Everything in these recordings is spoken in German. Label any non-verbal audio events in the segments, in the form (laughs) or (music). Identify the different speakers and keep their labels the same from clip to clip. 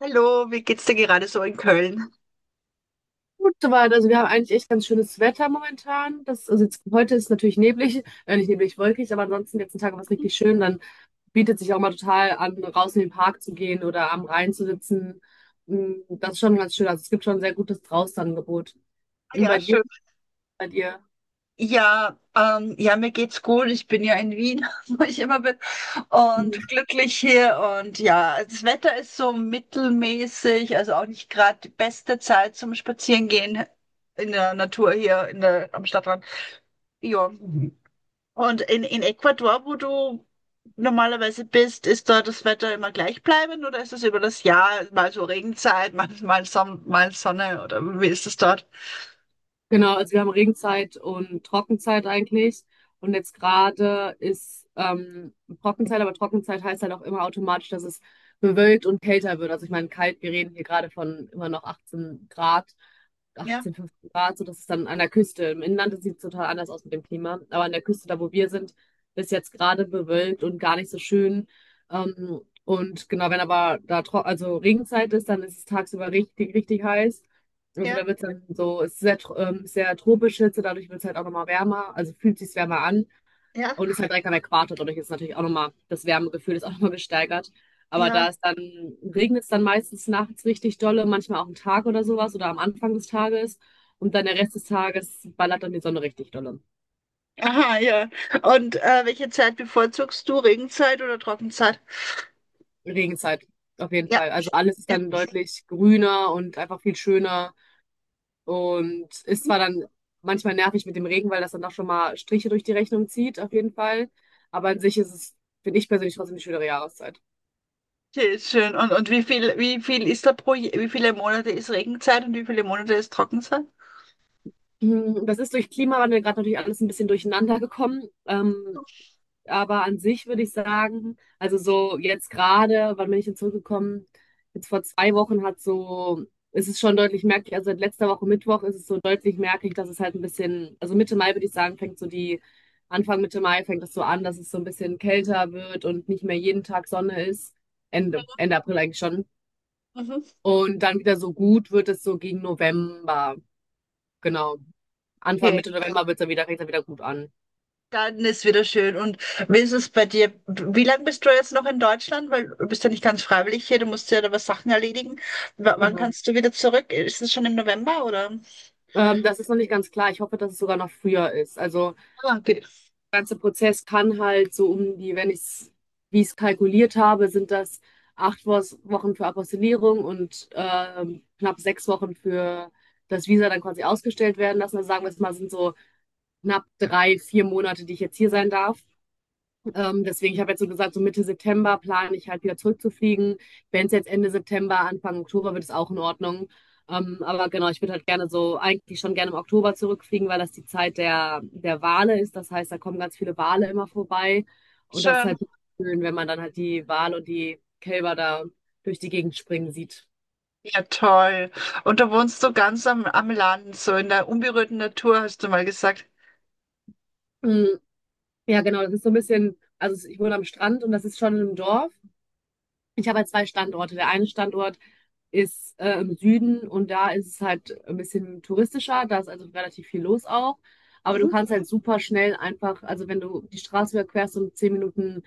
Speaker 1: Hallo, wie geht's dir gerade so in Köln?
Speaker 2: Gut soweit. Also wir haben eigentlich echt ganz schönes Wetter momentan. Also jetzt, heute ist natürlich neblig, nicht neblig, wolkig, aber ansonsten die letzten Tage war es richtig schön. Dann bietet sich auch mal total an, raus in den Park zu gehen oder am Rhein zu sitzen. Das ist schon ganz schön. Also es gibt schon ein sehr gutes Draußenangebot.
Speaker 1: Ah,
Speaker 2: Und
Speaker 1: ja,
Speaker 2: bei dir,
Speaker 1: schön.
Speaker 2: bei dir.
Speaker 1: Ja, ja, mir geht's gut. Ich bin ja in Wien, (laughs) wo ich immer bin, und glücklich hier. Und ja, das Wetter ist so mittelmäßig, also auch nicht gerade die beste Zeit zum Spazierengehen in der Natur hier am Stadtrand. Ja. Und in Ecuador, wo du normalerweise bist, ist da das Wetter immer gleichbleibend, oder ist es über das Jahr mal so Regenzeit, (laughs) mal Sonne, oder wie ist es dort?
Speaker 2: Genau, also wir haben Regenzeit und Trockenzeit eigentlich. Und jetzt gerade ist Trockenzeit, aber Trockenzeit heißt halt auch immer automatisch, dass es bewölkt und kälter wird. Also ich meine, kalt, wir reden hier gerade von immer noch 18 Grad,
Speaker 1: Ja.
Speaker 2: 18, 15 Grad, so dass es dann an der Küste. Im Inland sieht es total anders aus mit dem Klima. Aber an der Küste, da wo wir sind, ist jetzt gerade bewölkt und gar nicht so schön. Und genau, wenn aber da tro also Regenzeit ist, dann ist es tagsüber richtig, richtig heiß. Also
Speaker 1: Ja,
Speaker 2: da wird es dann so, es ist sehr, sehr tropisch Hitze, dadurch wird es halt auch nochmal wärmer, also fühlt sich wärmer an
Speaker 1: ja,
Speaker 2: und ist halt direkt am Äquator. Dadurch ist natürlich auch nochmal, das Wärmegefühl ist auch nochmal gesteigert. Aber
Speaker 1: ja.
Speaker 2: da es dann, regnet es dann meistens nachts richtig dolle, manchmal auch einen Tag oder sowas oder am Anfang des Tages, und dann der Rest des Tages ballert dann die Sonne richtig dolle.
Speaker 1: Aha, ja. Und welche Zeit bevorzugst du? Regenzeit oder Trockenzeit?
Speaker 2: Regenzeit, auf jeden
Speaker 1: Ja,
Speaker 2: Fall. Also alles ist
Speaker 1: ja.
Speaker 2: dann deutlich grüner und einfach viel schöner. Und ist zwar dann manchmal nervig mit dem Regen, weil das dann doch schon mal Striche durch die Rechnung zieht, auf jeden Fall. Aber an sich ist es, finde ich persönlich, trotzdem eine schöne Jahreszeit.
Speaker 1: Okay, schön. Und, wie viel ist da pro, wie viele Monate ist Regenzeit und wie viele Monate ist Trockenzeit?
Speaker 2: Das ist durch Klimawandel gerade natürlich alles ein bisschen durcheinander gekommen. Aber an sich würde ich sagen, also so jetzt gerade, wann bin ich denn zurückgekommen? Jetzt vor 2 Wochen hat so, ist es schon deutlich merklich, also seit letzter Woche Mittwoch ist es so deutlich merklich, dass es halt ein bisschen, also Mitte Mai würde ich sagen, fängt so die, Anfang Mitte Mai fängt es so an, dass es so ein bisschen kälter wird und nicht mehr jeden Tag Sonne ist. Ende April eigentlich schon.
Speaker 1: Mhm.
Speaker 2: Und dann wieder so gut wird es so gegen November. Genau. Anfang
Speaker 1: Okay,
Speaker 2: Mitte November wird es dann wieder, fängt es dann wieder gut an.
Speaker 1: dann ist wieder schön. Und wie ist es bei dir? Wie lange bist du jetzt noch in Deutschland? Weil du bist ja nicht ganz freiwillig hier, du musst ja da was Sachen erledigen. W Wann
Speaker 2: Genau.
Speaker 1: kannst du wieder zurück? Ist es schon im November oder?
Speaker 2: Das ist noch nicht ganz klar. Ich hoffe, dass es sogar noch früher ist. Also,
Speaker 1: Ah, okay.
Speaker 2: der ganze Prozess kann halt so um die, wenn ich es, wie ich es kalkuliert habe, sind das acht Wochen für Apostillierung und knapp 6 Wochen für das Visa dann quasi ausgestellt werden lassen. Also sagen wir es mal, sind so knapp drei, vier Monate, die ich jetzt hier sein darf. Deswegen, ich habe jetzt so gesagt, so Mitte September plane ich halt wieder zurückzufliegen. Wenn es jetzt Ende September, Anfang Oktober wird, es auch in Ordnung. Aber genau, ich würde halt gerne so, eigentlich schon gerne im Oktober zurückfliegen, weil das die Zeit der Wale ist. Das heißt, da kommen ganz viele Wale immer vorbei. Und das ist
Speaker 1: Schön.
Speaker 2: halt schön, wenn man dann halt die Wale und die Kälber da durch die Gegend springen sieht.
Speaker 1: Ja, toll. Und du wohnst so ganz am Land, so in der unberührten Natur, hast du mal gesagt.
Speaker 2: Mm, ja, genau, das ist so ein bisschen, also ich wohne am Strand und das ist schon im Dorf. Ich habe halt zwei Standorte. Der eine Standort ist im Süden und da ist es halt ein bisschen touristischer. Da ist also relativ viel los auch. Aber du
Speaker 1: Mhm.
Speaker 2: kannst halt super schnell einfach, also wenn du die Straße überquerst und 10 Minuten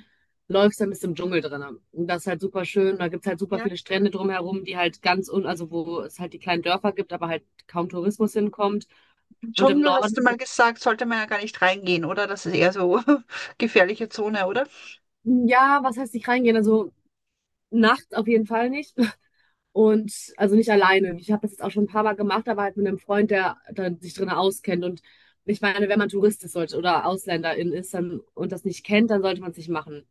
Speaker 2: läufst, dann bist du im Dschungel drin. Und das ist halt super schön. Da gibt's halt super
Speaker 1: Ja,
Speaker 2: viele Strände drumherum, die halt ganz also wo es halt die kleinen Dörfer gibt, aber halt kaum Tourismus hinkommt.
Speaker 1: im
Speaker 2: Und im
Speaker 1: Dschungel hast du
Speaker 2: Norden,
Speaker 1: mal gesagt, sollte man ja gar nicht reingehen, oder? Das ist eher so (laughs) gefährliche Zone, oder?
Speaker 2: ja, was heißt nicht reingehen? Also nachts auf jeden Fall nicht. Und also nicht alleine. Ich habe das jetzt auch schon ein paar Mal gemacht, aber halt mit einem Freund, der dann sich drin auskennt. Und ich meine, wenn man Tourist ist sollte, oder Ausländerin ist dann, und das nicht kennt, dann sollte man es nicht machen.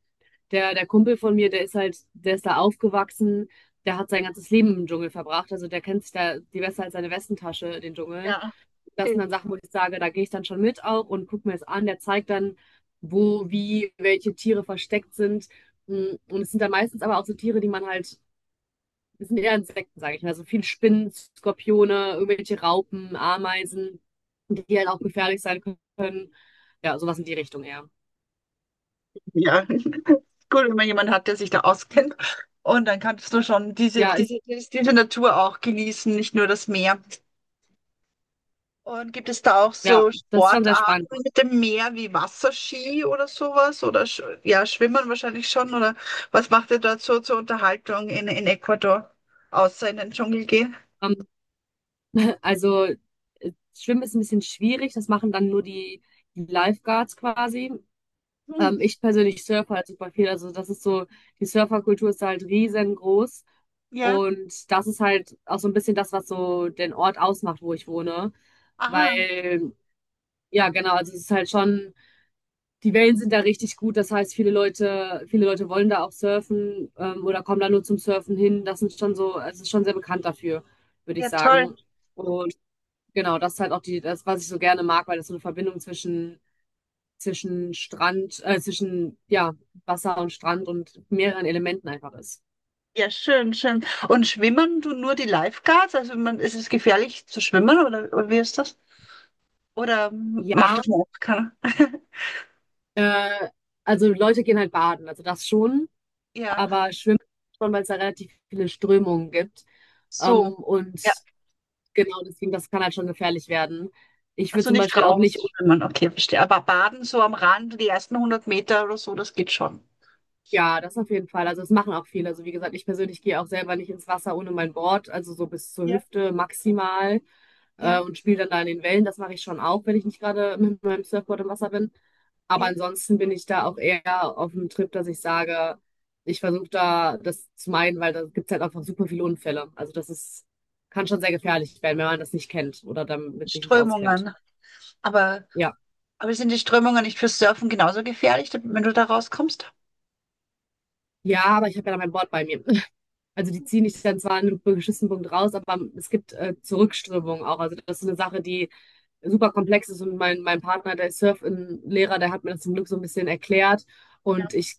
Speaker 2: Der Kumpel von mir, der ist halt, der ist da aufgewachsen, der hat sein ganzes Leben im Dschungel verbracht. Also der kennt sich da die besser als seine Westentasche, den Dschungel.
Speaker 1: Ja.
Speaker 2: Das sind
Speaker 1: Okay.
Speaker 2: dann Sachen, wo ich sage, da gehe ich dann schon mit auch und gucke mir es an. Der zeigt dann, wo, wie, welche Tiere versteckt sind. Und es sind dann meistens aber auch so Tiere, die man halt das sind eher Insekten, sage ich mal. So viel Spinnen, Skorpione, irgendwelche Raupen, Ameisen, die halt auch gefährlich sein können. Ja, sowas in die Richtung eher.
Speaker 1: Ja, (laughs) gut, wenn man jemanden hat, der sich da auskennt. Und dann kannst du schon
Speaker 2: Ja, ist,
Speaker 1: diese Natur auch genießen, nicht nur das Meer. Und gibt es da auch
Speaker 2: ja,
Speaker 1: so
Speaker 2: das ist schon sehr spannend.
Speaker 1: Sportarten mit dem Meer wie Wasserski oder sowas? Oder sch ja, Schwimmen wahrscheinlich schon. Oder was macht ihr dort so zur Unterhaltung in Ecuador, außer in den Dschungel gehen?
Speaker 2: Ähm, also, Schwimmen ist ein bisschen schwierig. Das machen dann nur die Lifeguards quasi.
Speaker 1: Hm,
Speaker 2: Ich persönlich surfe halt super viel. Also, das ist so, die Surferkultur ist halt riesengroß.
Speaker 1: ja,
Speaker 2: Und das ist halt auch so ein bisschen das, was so den Ort ausmacht, wo ich wohne.
Speaker 1: aha,
Speaker 2: Weil Ja, genau. Also es ist halt schon, die Wellen sind da richtig gut. Das heißt, viele Leute wollen da auch surfen, oder kommen da nur zum Surfen hin. Das sind schon so, also es ist schon sehr bekannt dafür, würde ich
Speaker 1: ja, toll.
Speaker 2: sagen. Und genau, das ist halt auch die, das, was ich so gerne mag, weil das so eine Verbindung zwischen, Strand, zwischen, ja, Wasser und Strand und mehreren Elementen einfach ist.
Speaker 1: Ja, schön, schön. Und schwimmen du nur die Lifeguards? Also man, ist es gefährlich zu schwimmen, oder wie ist das? Oder macht
Speaker 2: Ja,
Speaker 1: das noch keiner? (laughs)
Speaker 2: äh, also Leute gehen halt baden, also das schon,
Speaker 1: Ja,
Speaker 2: aber schwimmen schon, weil es da relativ viele Strömungen gibt.
Speaker 1: so.
Speaker 2: Ähm, und Genau, deswegen, das kann halt schon gefährlich werden. Ich würde
Speaker 1: Also
Speaker 2: zum
Speaker 1: nicht
Speaker 2: Beispiel auch nicht,
Speaker 1: raus schwimmen, okay, verstehe. Aber baden so am Rand, die ersten hundert Meter oder so, das geht schon.
Speaker 2: ja, das auf jeden Fall. Also das machen auch viele. Also wie gesagt, ich persönlich gehe auch selber nicht ins Wasser ohne mein Board, also so bis zur
Speaker 1: Ja,
Speaker 2: Hüfte maximal
Speaker 1: ja,
Speaker 2: und spiele dann da in den Wellen. Das mache ich schon auch, wenn ich nicht gerade mit meinem Surfboard im Wasser bin. Aber
Speaker 1: ja.
Speaker 2: ansonsten bin ich da auch eher auf dem Trip, dass ich sage, ich versuche da das zu meiden, weil da gibt es halt einfach super viele Unfälle. Also das ist, kann schon sehr gefährlich werden, wenn man das nicht kennt oder damit sich nicht auskennt.
Speaker 1: Strömungen. Aber,
Speaker 2: Ja.
Speaker 1: aber sind die Strömungen nicht fürs Surfen genauso gefährlich, wenn du da rauskommst?
Speaker 2: Ja, aber ich habe ja dann mein Board bei mir. Also die ziehen dich dann zwar an einem beschissenen Punkt raus, aber es gibt Zurückströmung auch. Also das ist eine Sache, die super komplex ist, und mein Partner, der ist Surf-Lehrer, der hat mir das zum Glück so ein bisschen erklärt und ich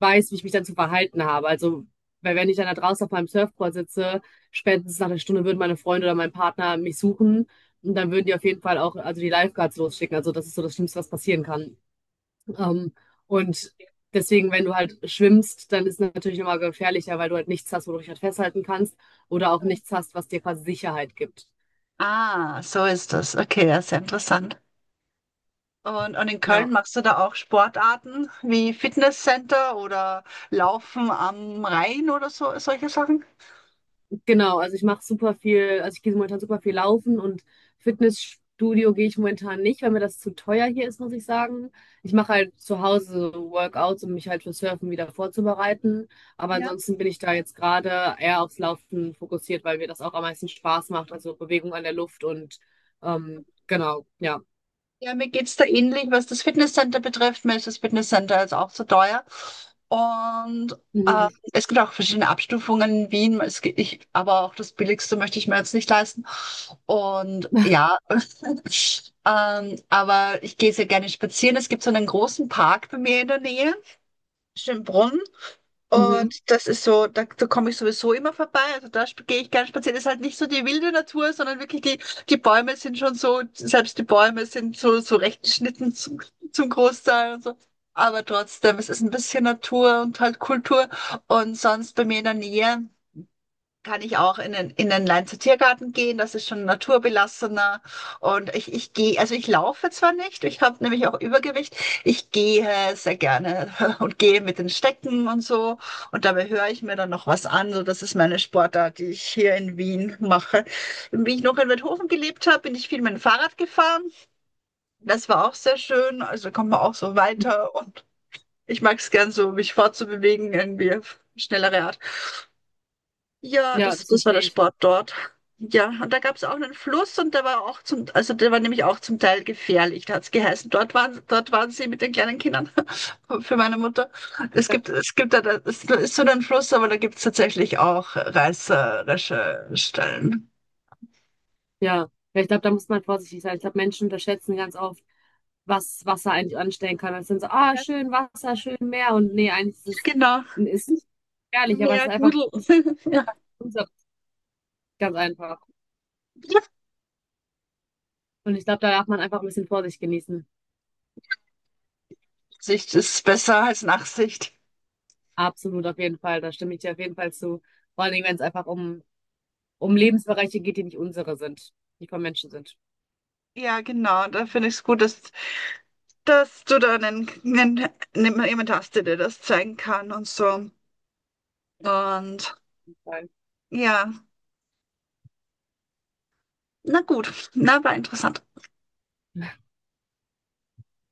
Speaker 2: weiß, wie ich mich dann zu verhalten habe. Also weil wenn ich dann da draußen auf meinem Surfboard sitze, spätestens nach einer Stunde würden meine Freunde oder mein Partner mich suchen, und dann würden die auf jeden Fall auch also die Lifeguards losschicken. Also das ist so das Schlimmste, was passieren kann. Ähm, und Deswegen, wenn du halt schwimmst, dann ist es natürlich nochmal gefährlicher, weil du halt nichts hast, wo du dich halt festhalten kannst oder auch nichts hast, was dir quasi Sicherheit gibt.
Speaker 1: Ah, so ist das. Okay, ja, sehr interessant. Und in
Speaker 2: Ja,
Speaker 1: Köln machst du da auch Sportarten wie Fitnesscenter oder Laufen am Rhein oder so, solche Sachen?
Speaker 2: genau. Also ich mache super viel, also ich gehe momentan super viel laufen, und Fitnessstudio gehe ich momentan nicht, weil mir das zu teuer hier ist, muss ich sagen. Ich mache halt zu Hause so Workouts, um mich halt für Surfen wieder vorzubereiten. Aber
Speaker 1: Ja.
Speaker 2: ansonsten bin ich da jetzt gerade eher aufs Laufen fokussiert, weil mir das auch am meisten Spaß macht. Also Bewegung an der Luft und genau, ja.
Speaker 1: Ja, mir geht's da ähnlich, was das Fitnesscenter betrifft. Mir ist das Fitnesscenter jetzt auch zu teuer. Und
Speaker 2: Mhm.
Speaker 1: es gibt auch verschiedene Abstufungen in Wien. Es gibt, ich, aber auch das Billigste möchte ich mir jetzt nicht leisten. Und
Speaker 2: (laughs)
Speaker 1: ja, (laughs) aber ich gehe sehr gerne spazieren. Es gibt so einen großen Park bei mir in der Nähe, Schönbrunn.
Speaker 2: Mhm.
Speaker 1: Und das ist so, da komme ich sowieso immer vorbei. Also gehe ich gern spazieren. Ist halt nicht so die wilde Natur, sondern wirklich die, die Bäume sind schon so, selbst die Bäume sind so, so recht geschnitten zum Großteil und so. Aber trotzdem, es ist ein bisschen Natur und halt Kultur. Und sonst bei mir in der Nähe kann ich auch in den Leinzer-Tiergarten gehen. Das ist schon naturbelassener. Und ich gehe, also ich laufe zwar nicht, ich habe nämlich auch Übergewicht. Ich gehe sehr gerne (laughs) und gehe mit den Stecken und so. Und dabei höre ich mir dann noch was an. So, das ist meine Sportart, die ich hier in Wien mache. Wie ich noch in Weidhofen gelebt habe, bin ich viel mit dem Fahrrad gefahren. Das war auch sehr schön. Also kommt man auch so weiter. Und ich mag es gern so, mich fortzubewegen, irgendwie auf schnellere Art. Ja,
Speaker 2: Ja, das
Speaker 1: das war der
Speaker 2: verstehe ich.
Speaker 1: Sport dort. Ja, und da gab es auch einen Fluss und der war auch zum, also der war nämlich auch zum Teil gefährlich. Da hat es geheißen, dort waren sie mit den kleinen Kindern (laughs) für meine Mutter. Es gibt da, ist so ein Fluss, aber da gibt es tatsächlich auch reißerische Stellen.
Speaker 2: Ja. Ja, ich glaube, da muss man vorsichtig sein. Ich glaube, Menschen unterschätzen ganz oft, was Wasser eigentlich anstellen kann. Es sind so, ah,
Speaker 1: Ja,
Speaker 2: schön Wasser, schön Meer. Und nee, eigentlich ist es
Speaker 1: genau.
Speaker 2: ist nicht gefährlich, aber es ist
Speaker 1: Mehr
Speaker 2: einfach,
Speaker 1: Gudel.
Speaker 2: es ist
Speaker 1: (laughs) Ja.
Speaker 2: unser- ganz einfach. Und ich glaube, da darf man einfach ein bisschen Vorsicht genießen.
Speaker 1: Sicht ist besser als Nachsicht.
Speaker 2: Absolut, auf jeden Fall. Da stimme ich dir auf jeden Fall zu. Vor allen Dingen, wenn es einfach um, Lebensbereiche geht, die nicht unsere sind, die von Menschen sind.
Speaker 1: Ja, genau. Da finde ich es gut, dass du da jemanden hast, der dir das zeigen kann und so. Und ja, na gut, na, war interessant.